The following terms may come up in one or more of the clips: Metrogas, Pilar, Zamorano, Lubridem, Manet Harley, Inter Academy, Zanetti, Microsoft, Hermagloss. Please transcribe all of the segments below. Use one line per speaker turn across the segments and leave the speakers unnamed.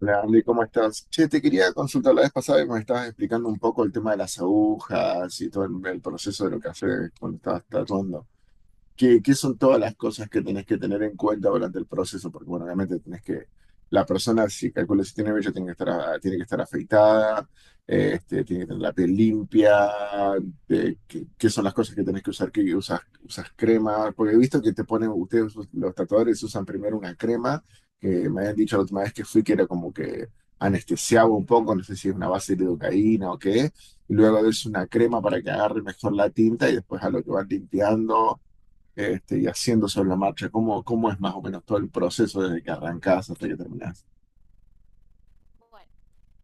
Hola Andy, ¿cómo estás? Che, te quería consultar la vez pasada y me estabas explicando un poco el tema de las agujas y todo el proceso de lo que haces cuando estabas tatuando. ¿Qué son todas las cosas que tenés que tener en cuenta durante el proceso? Porque, bueno, obviamente tenés que, la persona, si calculas si tiene vello, tiene que estar, tiene que estar afeitada. Tiene que tener la piel limpia. ¿Qué son las cosas que tenés que usar? ¿Qué usas, usas crema? Porque he visto que te ponen, ustedes, los tatuadores, usan primero una crema, que me habían dicho la última vez que fui que era como que anestesiaba un poco, no sé si es una base de lidocaína o qué, y luego es una crema para que agarre mejor la tinta y después a lo que van limpiando y haciendo sobre la marcha, cómo, cómo es más o menos todo el proceso desde que arrancás hasta que terminás.
Bueno,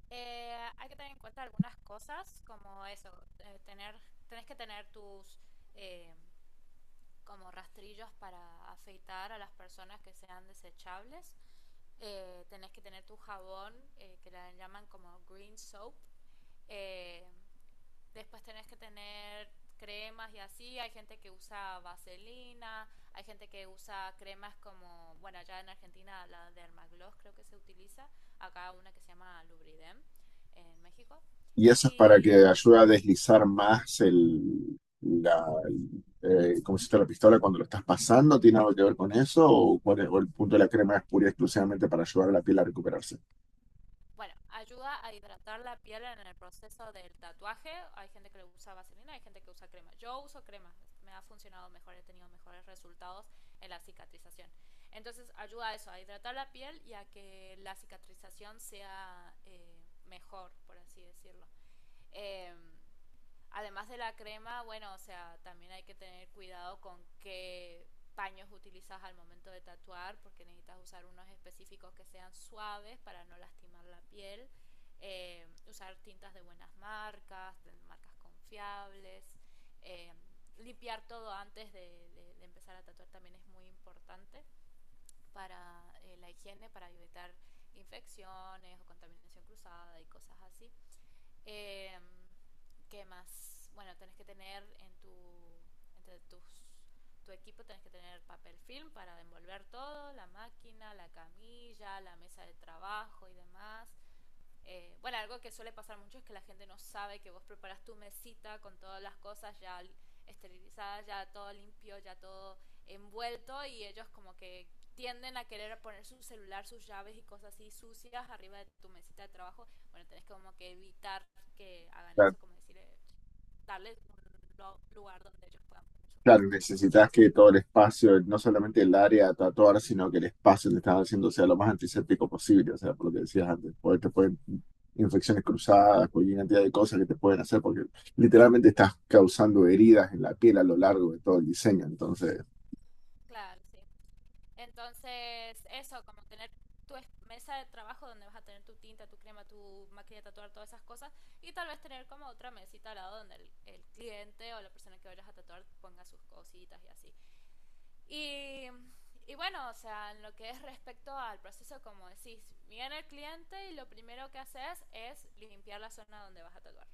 hay que tener en cuenta algunas cosas, como eso, eh, tener, tenés que tener tus eh, como rastrillos para afeitar a las personas que sean desechables. Tenés que tener tu jabón, que la llaman como green soap. Eh, Después tenés que tener cremas y así. Hay gente que usa vaselina, hay gente que usa cremas como, bueno, allá en Argentina la de Hermagloss creo que se utiliza. Acá una que se llama Lubridem en México.
Y eso es para que
Y
ayude a deslizar más cómo se está la pistola cuando lo estás pasando, ¿tiene algo que ver con eso? ¿O o el punto de la crema es pura y exclusivamente para ayudar a la piel a recuperarse?
Bueno, ayuda a hidratar la piel en el proceso del tatuaje. Hay gente que le usa vaselina, hay gente que usa crema. Yo uso crema, me ha funcionado mejor, he tenido mejores resultados en la cicatrización. Entonces ayuda a eso, a hidratar la piel y a que la cicatrización sea mejor, por así decirlo. Eh, Además de la crema, bueno, o sea, también hay que tener cuidado con qué paños utilizas al momento de tatuar, porque necesitas usar unos específicos que sean suaves para no lastimar la piel, usar tintas de buenas marcas, de marcas confiables, eh, limpiar todo antes de empezar a tatuar también es muy importante para la higiene, para evitar infecciones o contaminación cruzada y cosas así. Eh, ¿Qué más? Bueno, tenés que tener en tu entre tus tu equipo tenés que tener papel film para envolver todo, la máquina, la camilla, la mesa de trabajo y demás. Bueno, algo que suele pasar mucho es que la gente no sabe que vos preparas tu mesita con todas las cosas ya esterilizadas, ya todo limpio, ya todo envuelto y ellos como que tienden a querer poner su celular, sus llaves y cosas así sucias arriba de tu mesita de trabajo. Bueno, tenés como que evitar que hagan eso, como decir, darles un lugar donde ellos puedan poner sus
Claro,
cosas también.
necesitas que todo el espacio, no solamente el área a tatuar, sino que el espacio que estás haciendo sea lo más antiséptico posible, o sea, por lo que decías antes, porque te pueden infecciones cruzadas, cualquier cantidad de cosas que te pueden hacer, porque literalmente estás causando heridas en la piel a lo largo de todo el diseño, entonces,
Claro, sí. Entonces, eso, como tener tu mesa de trabajo donde vas a tener tu tinta, tu crema, tu máquina de tatuar, todas esas cosas, y tal vez tener como otra mesita al lado donde el cliente o la persona que vayas a tatuar ponga sus cositas y así. Y, y bueno, o sea, en lo que es respecto al proceso, como decís, viene el cliente y lo primero que haces es limpiar la zona donde vas a tatuar.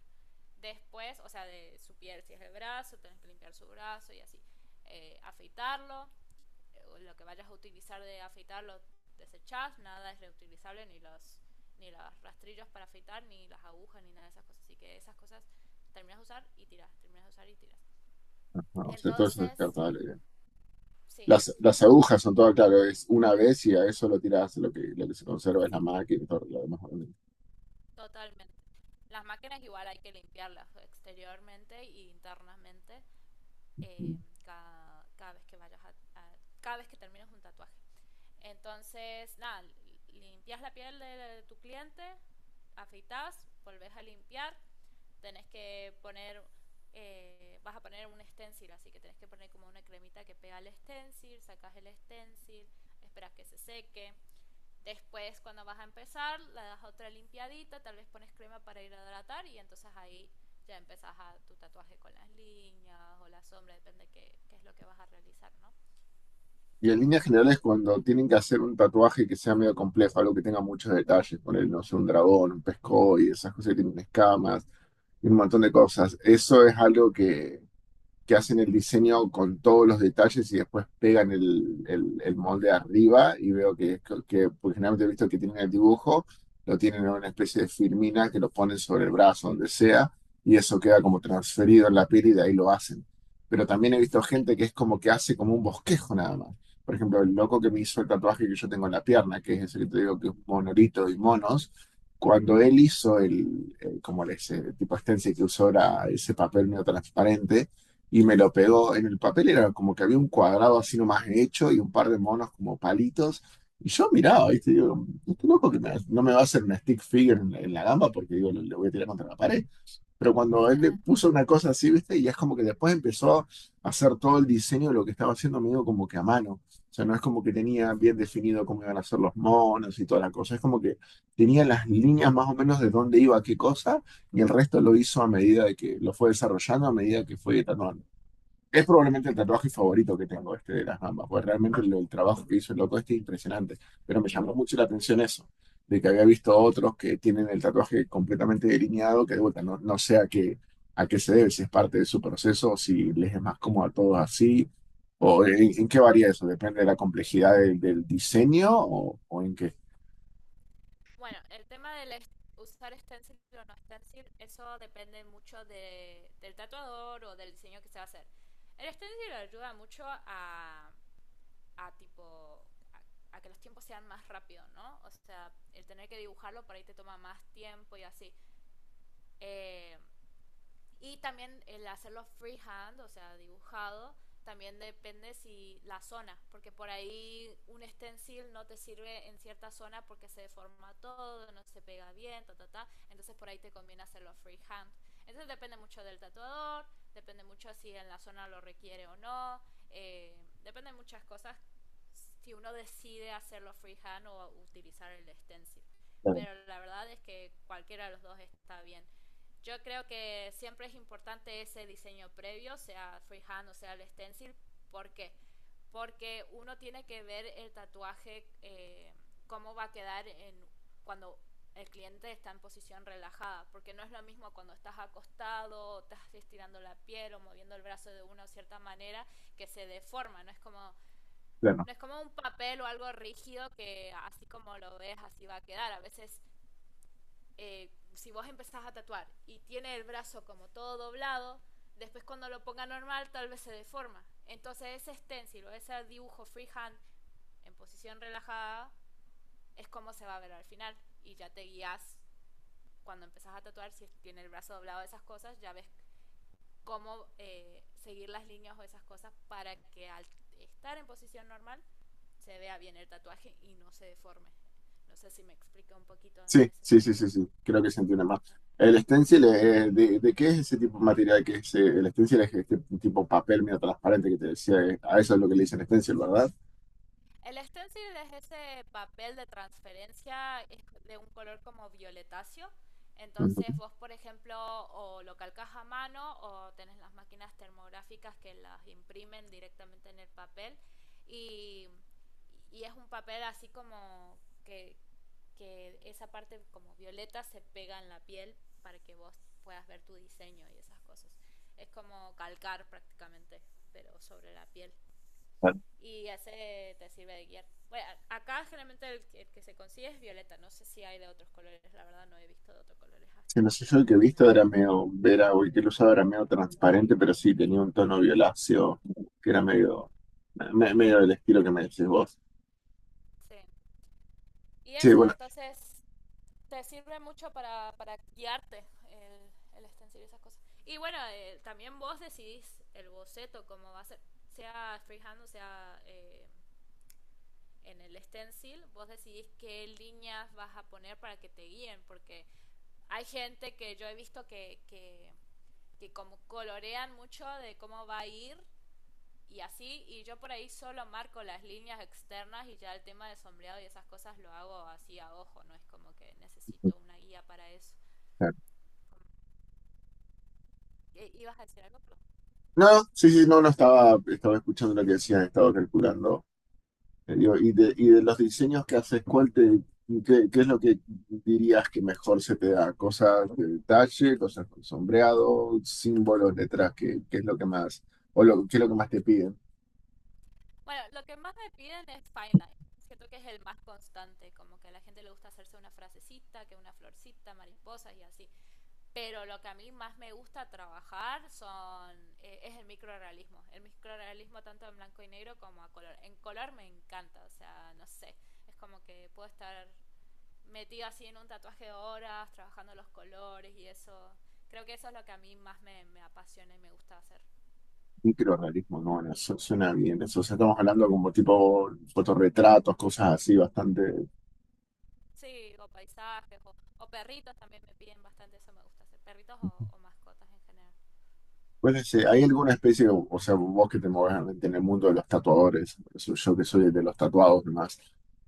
Después, o sea, de su piel, si es el brazo, tenés que limpiar su brazo y así. Afeitarlo, lo que vayas a utilizar de afeitar lo desechás, nada es reutilizable, ni los rastrillos para afeitar, ni las agujas, ni nada de esas cosas. Así que esas cosas terminas de usar y tiras, terminas de usar y tiras.
no, o sea, todo eso es
Entonces,
descartable.
sí,
Las agujas son todo, claro, es una vez y a eso lo tiras, lo que se conserva es la
sí,
máquina y todo lo demás.
totalmente. Las máquinas igual hay que limpiarlas exteriormente e internamente cada vez que vayas cada vez que termines un tatuaje. Entonces, nada, limpias la piel de tu cliente, afeitas, volvés a limpiar, tenés que poner, vas a poner un stencil, así que tenés que poner como una cremita que pega el stencil, sacas el stencil, esperas que se seque. Después, cuando vas a empezar, le das otra limpiadita, tal vez pones crema para hidratar y entonces ahí ya empezás a tu tatuaje con las líneas o la sombra, depende qué es lo que vas a realizar, ¿no?
Y en líneas generales, cuando tienen que hacer un tatuaje que sea medio complejo, algo que tenga muchos detalles, poner, no sé, un dragón, un pescoy, esas cosas que tienen escamas y un montón de cosas, eso es algo que hacen el diseño con todos los detalles y después pegan el molde arriba y veo que pues generalmente he visto que tienen el dibujo, lo tienen en una especie de firmina que lo ponen sobre el brazo, donde sea, y eso queda como transferido en la piel y de ahí lo hacen. Pero también he visto
Sí,
gente que es como que hace como un bosquejo nada más. Por ejemplo, el loco que me hizo el tatuaje que yo tengo en la pierna, que es ese que te digo que es monolito y monos, cuando él hizo como ese tipo de stencil que usó era ese papel medio transparente, y me lo pegó en el papel, era como que había un cuadrado así nomás hecho y un par de monos como palitos. Y yo miraba, ¿viste? Digo, este loco no me va a hacer una stick figure en la gamba porque digo, le voy a tirar contra la pared. Pero cuando él le puso una cosa así, ¿viste? Y es como que después empezó a hacer todo el diseño de lo que estaba haciendo, medio como que a mano. O sea, no es como que tenía
sí.
bien definido cómo iban a ser los monos y toda la cosa. Es como que tenía las líneas más o menos de dónde iba qué cosa y el resto lo hizo a medida de que lo fue desarrollando, a medida que fue editando, es probablemente el tatuaje favorito que tengo, este de las gambas, porque realmente el trabajo que hizo el loco este es impresionante. Pero me llamó mucho la atención eso, de que había visto otros que tienen el tatuaje completamente delineado, que de vuelta no, no sé a qué se debe, si es parte de su proceso, o si les es más cómodo a todos así, o en qué varía eso, depende de la complejidad del diseño o en qué.
Bueno, el tema del est- usar stencil o no stencil, eso depende mucho del tatuador o del diseño que se va a hacer. El stencil ayuda mucho a tipo a, a que los tiempos sean más rápidos, ¿no? O sea, el tener que dibujarlo por ahí te toma más tiempo y así. Eh, y también el hacerlo freehand, o sea, dibujado, también depende si la zona, porque por ahí un stencil no te sirve en cierta zona porque se deforma todo, no se pega bien, ta, ta, ta. Entonces por ahí te conviene hacerlo freehand. Entonces depende mucho del tatuador, depende mucho si en la zona lo requiere o no, eh, depende de muchas cosas si uno decide hacerlo freehand o utilizar el stencil.
Claro,
Pero la verdad es que cualquiera de los dos está bien, yo creo que siempre es importante ese diseño previo, sea freehand o sea el stencil. ¿Por qué? Porque uno tiene que ver el tatuaje, cómo va a quedar en, cuando el cliente está en posición relajada, porque no es lo mismo cuando estás acostado, o estás estirando la piel o moviendo el brazo de una cierta manera que se deforma,
claro.
no es como un papel o algo rígido que así como lo ves así va a quedar. A veces si vos empezás a tatuar y tiene el brazo como todo doblado, después cuando lo ponga normal tal vez se deforma. Entonces ese stencil o ese dibujo freehand en posición relajada es como se va a ver al final y ya te guías cuando empezás a tatuar, si tiene el brazo doblado, esas cosas, ya ves cómo seguir las líneas o esas cosas para que al estar en posición normal se vea bien el tatuaje y no se deforme. No sé si me explica un poquito en
Sí,
ese
sí, sí,
sentido.
sí, sí, creo que se entiende más. El stencil, de qué es ese tipo de material, que es, el stencil es este tipo papel medio transparente que te decía, a eso es lo que le dicen stencil, ¿verdad?
El stencil es ese papel de transferencia, es de un color como violetáceo.
Ujú.
Entonces vos, por ejemplo, o lo calcas a mano o tenés las máquinas termográficas que las imprimen directamente en el papel y, y es un papel así como que, que esa parte como violeta se pega en la piel para que vos puedas ver tu diseño y esas cosas. Es como calcar prácticamente, pero sobre la piel
Vale.
y ese te sirve de guía. Bueno, acá generalmente el que se consigue es violeta, no sé si hay de otros colores, la verdad no he visto de otros colores
Sí, no sé, yo el
hasta
que
el
he visto
momento.
era medio, era, o el que lo usaba era medio transparente, pero sí tenía un tono violáceo, que era medio, medio del estilo que me decís vos.
Sí. Y
Sí,
eso,
bueno.
entonces te sirve mucho para guiarte el stencil y esas cosas. Y bueno, también vos decidís el boceto, cómo va a ser, sea freehand o sea en el stencil, vos decidís qué líneas vas a poner para que te guíen, porque hay gente que yo he visto que como colorean mucho de cómo va a ir y así, y yo por ahí solo marco las líneas externas y ya el tema de sombreado y esas cosas lo hago así a ojo, no es como que necesito una guía para eso.
Claro.
¿Ibas a decir algo? Perdón.
No, sí, sí, no, no estaba, estaba escuchando lo que decías, estaba calculando. Yo, y y de los diseños que haces, ¿cuál te, qué, qué es lo que dirías que mejor se te da? ¿Cosas de detalle, cosas con sombreado, símbolos, letras? ¿Qué, qué es lo que más, o lo, qué es lo que más te piden?
Bueno, lo que más me piden es fine line. Siento que es el más constante, como que a la gente le gusta hacerse una frasecita, que una florcita, mariposas y así. Pero lo que a mí más me gusta trabajar son es el microrealismo. El microrealismo tanto en blanco y negro como a color. En color me encanta, o sea, no sé, es como que puedo estar metido así en un tatuaje de horas, trabajando los colores y eso. Creo que eso es lo que a mí más me, me apasiona y me gusta hacer.
Microrrealismo, no, bueno, eso suena bien. Eso, o sea, estamos hablando como tipo fotorretratos, cosas así, bastante.
Sí, o paisajes, o perritos también me piden bastante, eso me gusta hacer. Perritos o mascotas en general.
Pues este, hay alguna especie, o sea, vos que te mueves en el mundo de los tatuadores, yo que soy el de los tatuados nomás,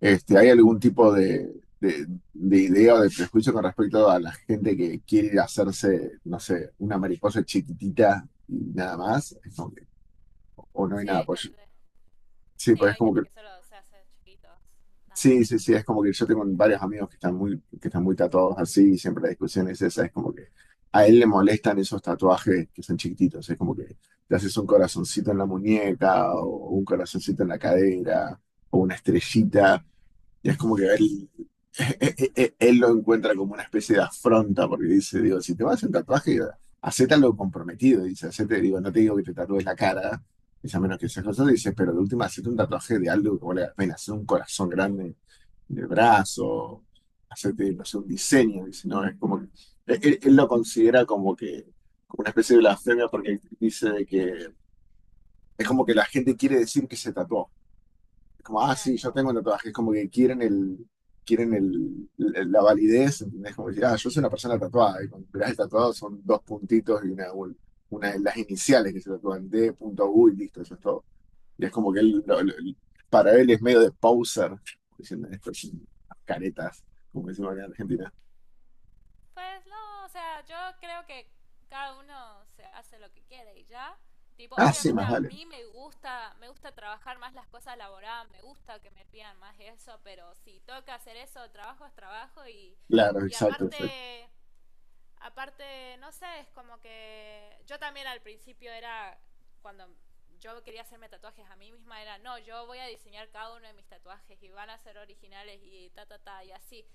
este, ¿hay algún tipo de, de idea o de prejuicio con respecto a la gente que quiere ir a hacerse, no sé, una mariposa chiquitita y nada más? Es como que, o no hay
Sí,
nada,
hay
pues
gente,
sí,
sí,
pues es
hay
como
gente
que
que solo se hace chiquitos, nada
sí,
más.
sí, sí, es como que yo tengo varios amigos que están muy tatuados así y siempre la discusión es esa, es como que a él le molestan esos tatuajes que son chiquititos, es como que te haces un corazoncito en la muñeca o un corazoncito en la cadera o una estrellita y es como que él, él lo encuentra como una especie de afronta porque dice, digo, si te vas a hacer un tatuaje, hacete algo comprometido, dice, hacete, digo, no te digo que te tatúes la cara, dice, a menos que seas cosas, dice, pero de última hacete un tatuaje de algo que valga la pena, hacer un corazón grande de brazo, hacerte, no sé, un diseño, dice, no, es como que, él lo considera como que, como una especie de blasfemia porque dice de que es como que la gente quiere decir que se tatuó. Es como, ah,
Claro,
sí, yo tengo un tatuaje, es como que quieren el, la validez, ¿entendés? Como decir, ah, yo soy una persona tatuada, y cuando mirás el tatuado son dos puntitos y una de las iniciales que se tatúan, D.U y listo, eso es todo. Y es como que
claro.
él, para él es medio de poser, diciendo estos son caretas, como decimos acá en Argentina.
Pues no, o sea, yo creo que cada uno se hace lo que quiere y ya. Tipo,
Ah, sí,
obviamente
más
a
vale.
mí me gusta trabajar más las cosas elaboradas, me gusta que me pidan más eso, pero si toca hacer eso, trabajo es trabajo y,
Claro,
y
exacto, exacto.
aparte aparte, no sé, es como que yo también al principio era, cuando yo quería hacerme tatuajes a mí misma, era, no, yo voy a diseñar cada uno de mis tatuajes y van a ser originales y ta, ta, ta, y así.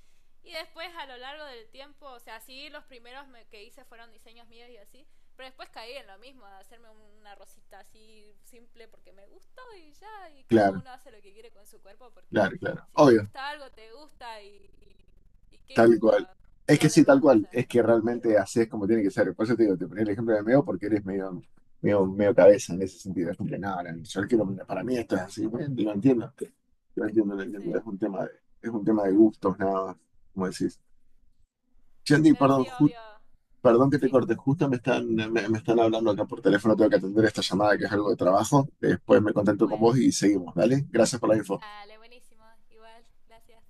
Y después a lo largo del tiempo, o sea, sí, los primeros que hice fueron diseños míos y así, pero después caí en lo mismo, de hacerme una rosita así simple porque me gustó y ya, y cada
Claro,
uno hace lo que quiere con su cuerpo porque
claro, claro.
si te
Obvio,
gusta algo, te gusta y qué
tal cual.
importa
Es que
lo
sí, tal
demás, o
cual.
sea.
Es que realmente así es como tiene que ser. Por eso te digo, te ponía el ejemplo de Meo porque eres medio, medio cabeza en ese sentido. Es como que, no, no, yo quiero, para mí esto es así. Bueno, lo entiendo, lo entiendo, lo
Sí,
entiendo. Es un tema de, es un tema de gustos, nada más, como decís. Yandy,
pero sí,
perdón, ju-
obvio.
Perdón que te
Sí,
corte, justo me están, me están hablando acá por teléfono, tengo que atender esta llamada que es algo de trabajo. Después me contacto con
bueno.
vos y seguimos, ¿vale? Gracias por la info.
Dale, buenísimo. Igual, gracias.